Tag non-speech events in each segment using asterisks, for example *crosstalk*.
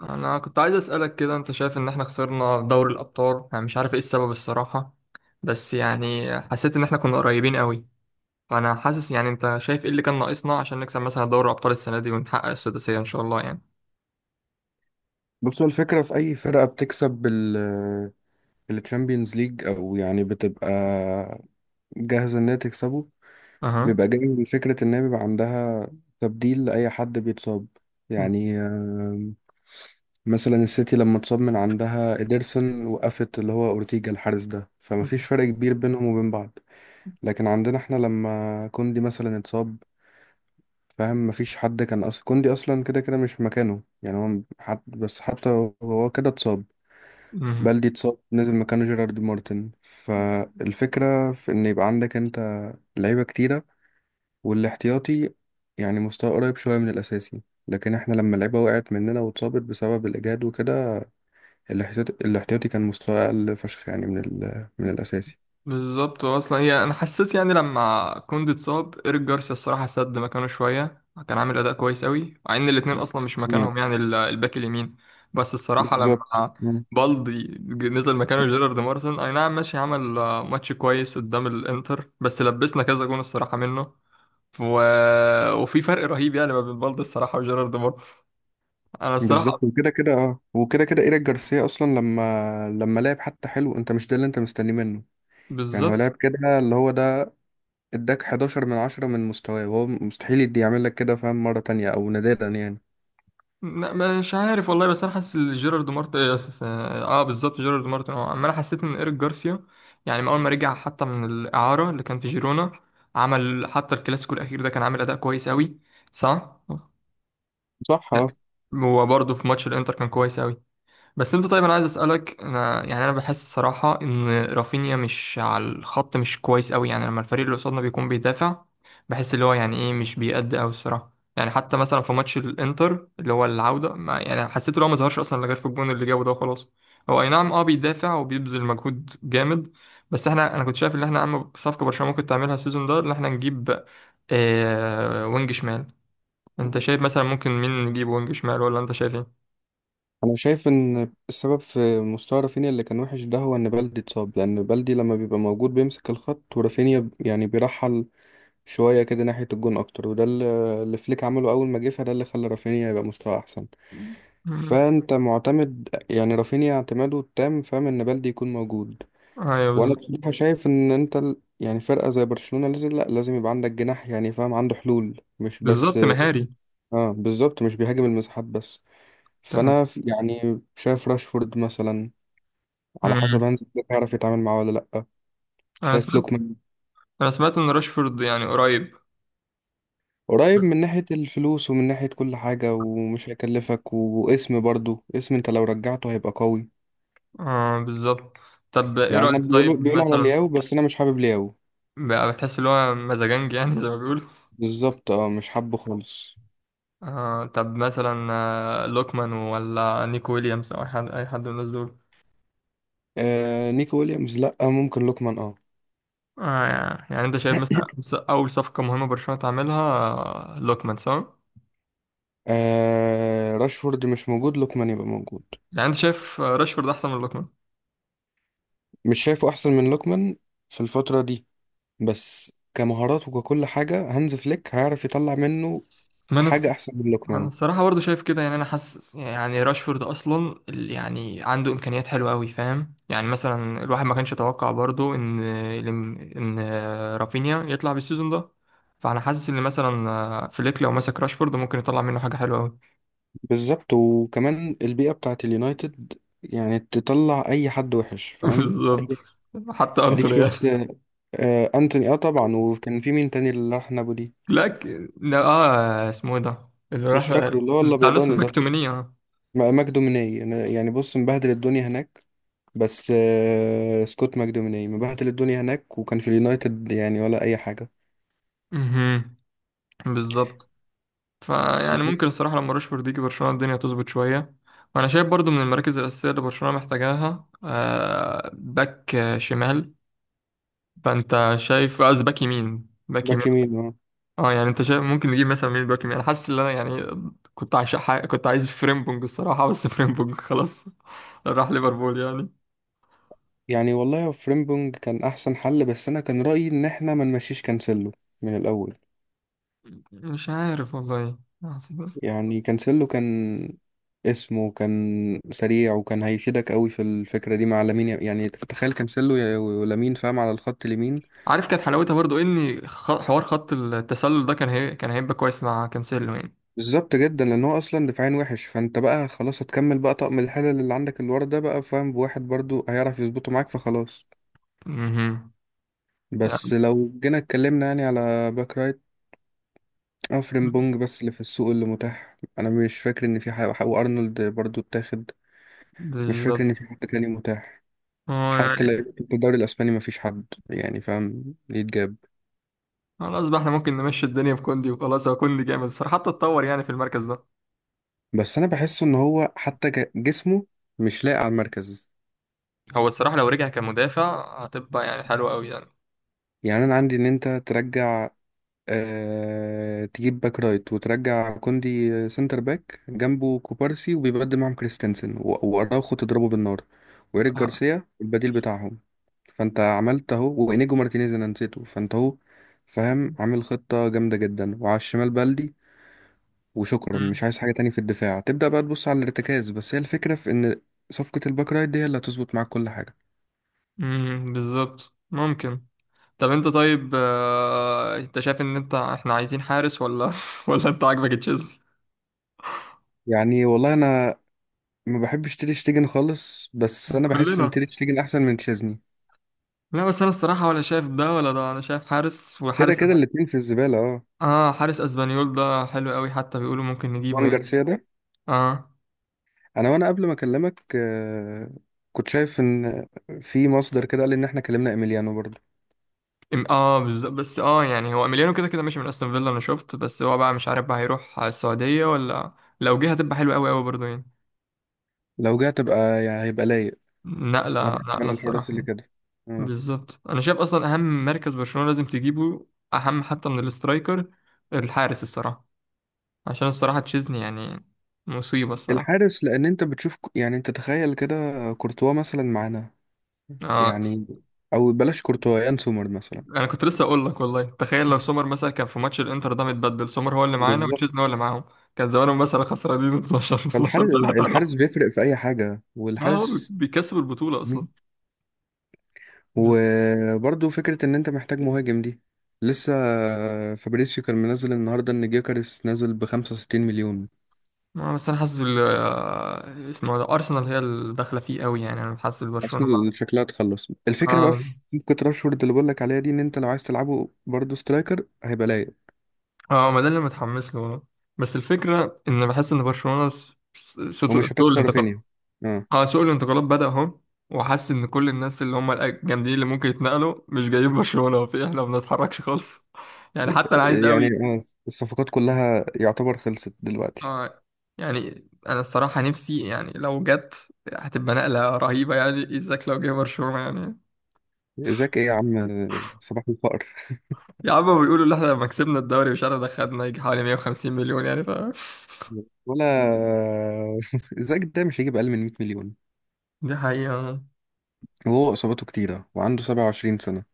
انا كنت عايز اسالك كده، انت شايف ان احنا خسرنا دوري الابطال؟ انا مش عارف ايه السبب الصراحه، بس يعني حسيت ان احنا كنا قريبين قوي. فانا حاسس، يعني انت شايف ايه اللي كان ناقصنا عشان نكسب مثلا دوري الابطال السنه دي ونحقق السداسيه ان شاء الله يعني؟ بص، هو الفكرة في أي فرقة بتكسب الشامبيونز ليج أو يعني بتبقى جاهزة إن هي تكسبه. اها. بيبقى جاي من فكرة إن هي بيبقى عندها تبديل لأي حد بيتصاب. يعني مثلا السيتي لما اتصاب من عندها إيدرسون، وقفت اللي هو أورتيجا الحارس ده، فمفيش فرق كبير بينهم وبين بعض. لكن عندنا إحنا لما كوندي مثلا اتصاب، فاهم؟ مفيش حد كان أصلا، كوندي أصلا كده كده مش مكانه، يعني هو حد بس. حتى هو كده اتصاب. بلدي اتصاب، نزل مكانه جيرارد مارتن. فالفكرة في إن يبقى عندك أنت لعيبة كتيرة، والاحتياطي يعني مستوى قريب شوية من الأساسي. لكن احنا لما اللعيبة وقعت مننا واتصابت بسبب الإجهاد وكده، الاحتياطي كان مستوى أقل فشخ، يعني من الأساسي. بالظبط، اصلا هي انا حسيت يعني لما كوندي اتصاب، ايريك جارسيا الصراحه سد مكانه شويه، كان عامل اداء كويس قوي، مع ان الاثنين اصلا مش مم. مكانهم يعني الباك اليمين. بس الصراحه بالظبط. لما مم. بالدي نزل مكانه جيرارد مارتن، اي نعم ماشي، عمل ماتش كويس قدام الانتر، بس لبسنا كذا جون الصراحه منه و... وفي فرق رهيب يعني ما بين بالدي الصراحه وجيرارد مارتن. انا بالظبط، الصراحه وكده كده ايريك جارسيا اصلا، لما لعب حتى حلو، انت مش ده اللي انت مستنيه منه؟ يعني هو بالظبط. لعب كده، اللي هو ده، اداك 11 من 10 من مستواه، وهو مستحيل يدي يعمل لك كده فاهم مرة تانية، او نادرا يعني. لا، مش عارف والله، بس انا حاسس إن جيرارد مارتن اه آسف، آه، آه، بالظبط جيرارد مارتن اه، اما انا حسيت ان ايريك جارسيا يعني من اول ما رجع حتى من الاعاره اللي كان في جيرونا، عمل حتى الكلاسيكو الاخير ده، كان عامل اداء كويس قوي. صح. صح، اه. هو برضه في ماتش الانتر كان كويس قوي. بس انت طيب، انا عايز اسالك، انا يعني انا بحس الصراحه ان رافينيا مش على الخط، مش كويس قوي، يعني لما الفريق اللي قصادنا بيكون بيدافع، بحس اللي هو يعني ايه، مش بيأدي قوي الصراحه، يعني حتى مثلا في ماتش الانتر اللي هو العوده، ما يعني حسيت ان هو ما ظهرش اصلا غير في الجون اللي جابه ده وخلاص. هو اي نعم اه، بيدافع وبيبذل مجهود جامد، بس احنا انا كنت شايف ان احنا اهم صفقه برشلونه ممكن تعملها السيزون ده ان احنا نجيب آه وينج شمال. انت شايف مثلا ممكن مين نجيب وينج شمال ولا انت شايف ايه؟ انا شايف ان السبب في مستوى رافينيا اللي كان وحش ده هو ان بلدي اتصاب، لان بلدي لما بيبقى موجود بيمسك الخط، ورافينيا يعني بيرحل شوية كده ناحية الجون اكتر. وده اللي فليك عمله اول ما جه، فده اللي خلى رافينيا يبقى مستوى احسن. مم. فانت معتمد يعني رافينيا اعتماده التام فاهم ان بلدي يكون موجود. ايوه وانا بالظبط. بصراحه شايف ان انت يعني فرقه زي برشلونه لازم، لا، لازم يبقى عندك جناح، يعني فاهم عنده حلول، مش بس. بالظبط مهاري. اه بالظبط، مش بيهاجم المساحات بس. تمام. فانا يعني شايف راشفورد مثلا، على مم. حسب هانز فليك هيعرف يتعامل معاه ولا لا. انا شايف سمعت لوكمان انا سمعت ان راشفورد يعني قريب. قريب من ناحيه الفلوس ومن ناحيه كل حاجه، ومش هيكلفك، واسم برضو، اسم انت لو رجعته هيبقى قوي. اه بالظبط. طب ايه يعني انا، رأيك بيقولوا طيب بيقولوا على مثلا؟ لياو، بس انا مش حابب لياو. بقى بتحس ان هو مزاجنج يعني زي ما بيقولوا؟ بالظبط، اه، مش حابه خالص. آه طب مثلا لوكمان ولا نيكو ويليامز او اي حد، اي حد من الناس دول؟ آه نيكو ويليامز لا، ممكن لوكمان اه. آه يعني، يعني انت شايف *clears throat* مثلا اول صفقة مهمة برشلونة تعملها لوكمان صح؟ راشفورد مش موجود، لوكمان يبقى موجود. يعني انت شايف راشفورد احسن من لوكمان؟ مش شايفه احسن من لوكمان في الفترة دي، بس كمهارات وككل حاجة هانز فليك هيعرف يطلع منه ما انا، حاجة احسن من انا لوكمان. بصراحه برضه شايف كده يعني. انا حاسس يعني راشفورد اصلا يعني عنده امكانيات حلوه قوي، فاهم؟ يعني مثلا الواحد ما كانش يتوقع برضه ان، ان رافينيا يطلع بالسيزون ده. فانا حاسس ان مثلا فليك لو مسك راشفورد ممكن يطلع منه حاجه حلوه قوي. بالظبط، وكمان البيئة بتاعت اليونايتد يعني تطلع اي حد وحش *laughs* فاهم بالظبط. حتى اديك انتوني يعني. شفت. آه انتوني، طبعا. وكان في مين تاني اللي راح نابولي؟ لا لا اه، اسمه ايه ده اللي راح مش *laughs* فاكره، اللي هو بتاع نص الابيضاني ده، المكتومينية اه. ماجدو مني. يعني بص، مبهدل الدنيا هناك. بس سكوت ماكدوميناي مبهدل الدنيا هناك، وكان في اليونايتد يعني ولا اي حاجه. مهم. بالظبط. فيعني ففي ممكن الصراحة لما راشفورد يجي برشلونة الدنيا تظبط شوية. وأنا شايف برضو من المراكز الأساسية اللي برشلونة محتاجاها باك شمال، فأنت شايف قصدي باك يمين، باك يمين. باك يمين، اه. اه يعني، أنت شايف ممكن نجيب مثلا مين باك يمين؟ أنا حاسس إن أنا يعني كنت كنت عايز فريمبونج الصراحة، بس فريمبونج خلاص *laughs* راح ليفربول يعني. يعني والله فريمبونج كان احسن حل، بس انا كان رايي ان احنا ما نمشيش كانسيلو من الاول. مش عارف والله يعني كانسيلو كان اسمه، كان سريع، وكان هيفيدك قوي في الفكره دي مع لامين. يعني تخيل كانسيلو ولامين فاهم على الخط اليمين. عارف كانت حلاوتها برضو إن حوار خط التسلل ده كان هيبقى كويس مع كانسيلو يعني. بالظبط جدا، لان هو اصلا دفاعين وحش. فانت بقى خلاص هتكمل بقى طقم الحلل اللي عندك، اللي ورا ده بقى فاهم بواحد برضو هيعرف يظبطه معاك، فخلاص. مهم. بس لو جينا اتكلمنا يعني على باك رايت او فريمبونج، بس اللي في السوق اللي متاح، انا مش فاكر ان في حاجه. وارنولد برضو اتاخد. مش فاكر بالظبط. ان في حد تاني متاح، هو حتى يعني لو في الدوري الاسباني مفيش حد يعني فاهم يتجاب. خلاص بقى احنا ممكن نمشي الدنيا في كوندي وخلاص. هو كوندي جامد الصراحة، حتى اتطور يعني في المركز ده. بس انا بحس ان هو حتى جسمه مش لايق على المركز. هو الصراحة لو رجع كمدافع هتبقى يعني حلوة قوي يعني. يعني انا عندي ان انت ترجع، تجيب باك رايت، وترجع كوندي سنتر باك جنبه كوبارسي، وبيبدل معاهم كريستنسن و- وأراوخو تضربه بالنار، وإيريك اه. جارسيا البديل بتاعهم. فأنت عملت أهو. وإنيجو مارتينيز أنا نسيته، فأنت أهو فاهم عامل خطة جامدة جدا. وعلى الشمال بلدي وشكرا، مش امم عايز حاجة تاني في الدفاع. تبدأ بقى تبص على الارتكاز، بس هي الفكرة في إن صفقة الباك رايت دي هي اللي هتظبط معاك كل حاجة. أمم، بالظبط ممكن. طب انت طيب انت شايف ان انت احنا عايزين حارس ولا *laughs* ولا انت عاجبك تشيزني؟ يعني والله أنا ما بحبش تير شتيجن خالص، بس أنا بحس إن تير كلنا. شتيجن أحسن من تشيزني. لا بس انا الصراحة ولا شايف ده ولا ده، انا شايف حارس، كده كده الاتنين في الزبالة، اه. اه حارس اسبانيول ده حلو قوي، حتى بيقولوا ممكن نجيبه وان يعني. جارسيا ده، اه. انا قبل ما اكلمك كنت شايف ان في مصدر كده قال ان احنا كلمنا ايميليانو برضه. اه بالظبط، بس اه يعني هو اميليانو كده كده ماشي من استون فيلا انا شفت، بس هو بقى مش عارف بقى هيروح على السعودية ولا، لو جه هتبقى حلوة قوي قوي برضه يعني. لو جه تبقى يعني هيبقى لايق. انا نقلة، بحب نقلة انا الحراس الصراحة اللي يعني. كده، اه. بالظبط، انا شايف اصلا اهم مركز برشلونة لازم تجيبه، اهم حتى من الاسترايكر، الحارس الصراحة، عشان الصراحة تشيزني يعني مصيبة الصراحة. الحارس، لان انت بتشوف يعني انت تخيل كده كورتوا مثلا معانا، اه يعني، او بلاش كورتوا، يان سومر مثلا. انا كنت لسه اقول لك والله، تخيل لو سومر مثلا كان في ماتش الانتر ده متبدل، سومر هو اللي معانا بالظبط. وتشيزني هو اللي معاهم، كان زمانهم مثلا خسرانين 12 12 فالحارس 3 ولا الحارس حاجة. بيفرق في اي حاجة، *laughs* اه هو والحارس، بيكسب البطولة أصلا. بت- وبرضو فكرة ان انت محتاج مهاجم دي لسه. فابريسيو كان منزل النهاردة ان جيكاريس نازل ب 65 مليون. بس انا حاسس بال اسمه ده ارسنال هي اللي داخله فيه قوي، يعني انا حاسس برشلونه مع، ارسنال شكلها تخلص الفكرة بقى اه. في، كنت راشفورد اللي بقولك عليها دي ان انت لو عايز تلعبه برضو سترايكر هيبقى لايق، اه ما ده اللي متحمس له، بس الفكره ان بحس ان برشلونه سوق ومش هتخسر رافينيا. الانتقالات. اه. اه سوق الانتقالات بدأ اهو، وحاسس ان كل الناس اللي هم الجامدين اللي ممكن يتنقلوا مش جايين برشلونه، وفي احنا ما بنتحركش خالص *laughs* يعني، حتى انا عايز يعني قوي الصفقات كلها يعتبر خلصت دلوقتي. اه يعني. انا الصراحه نفسي يعني لو جت هتبقى نقله رهيبه يعني، ازاك لو جه برشلونه يعني. ازاك ايه يا عم، صباح الفقر. يا عم بيقولوا ان احنا لما كسبنا الدوري مش عارف دخلنا يجي حوالي 150 مليون يعني، ف ولا *laughs* ازاك ده مش هيجيب اقل من 100 مليون، دي حقيقة. وهو اصاباته كتيرة وعنده 27 سنة.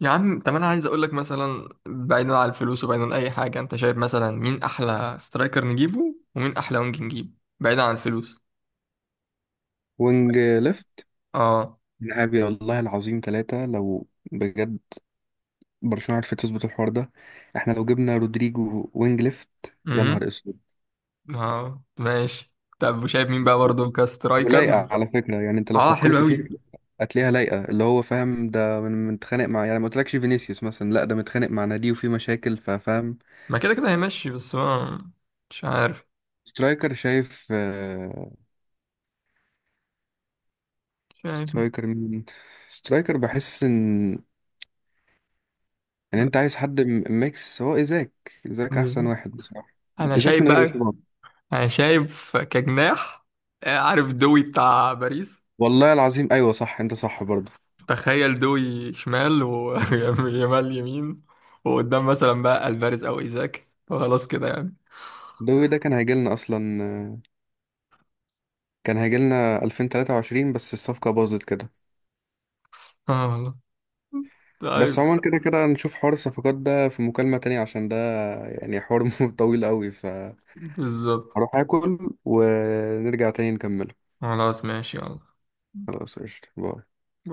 يا عم طب انا عايز اقول لك، مثلا بعيدا عن الفلوس وبعيدا عن اي حاجة، انت شايف مثلا مين احلى سترايكر نجيبه ومين احلى وينج نجيبه، بعيدا عن الفلوس؟ وينج ليفت اه. نهائي، والله العظيم، ثلاثة لو بجد برشلونة عرفت تظبط الحوار ده. احنا لو جبنا رودريجو وينج ليفت، يا نهار امم. اسود. اه ماشي. طب وشايف مين بقى برضه ولايقة على فكرة، يعني انت لو اه حلو فكرت فيها قوي. هتلاقيها لايقة، اللي هو فاهم ده، من متخانق مع، يعني ما قلتلكش فينيسيوس مثلا؟ لا ده متخانق مع نادي وفي مشاكل، ففاهم. ما كده كده هيمشي بس هو، مش عارف. سترايكر شايف؟ شايف، سترايكر مين؟ سترايكر بحس ان انت عايز حد ميكس، هو ايزاك. ايزاك احسن واحد بصراحة، انا ايزاك شايف من غير بقى، اصابات. انا شايف كجناح عارف دوي بتاع باريس؟ والله العظيم، ايوه صح، انت صح برضه. تخيل دوي شمال، ويمال *laughs* يمين، وقدام مثلا بقى الفاريز او ايزاك وخلاص كده يعني. الدوري ده كان هيجيلنا اصلا، كان هيجيلنا 2023، بس الصفقة باظت كده. اه والله. طيب. بس عموما كده كده نشوف حوار الصفقات ده في مكالمة تانية، عشان ده يعني حوار *laughs* طويل قوي، فهروح بالظبط. اكل ونرجع تاني نكمله. خلاص ماشي يلا. خلاص قشطة، باي.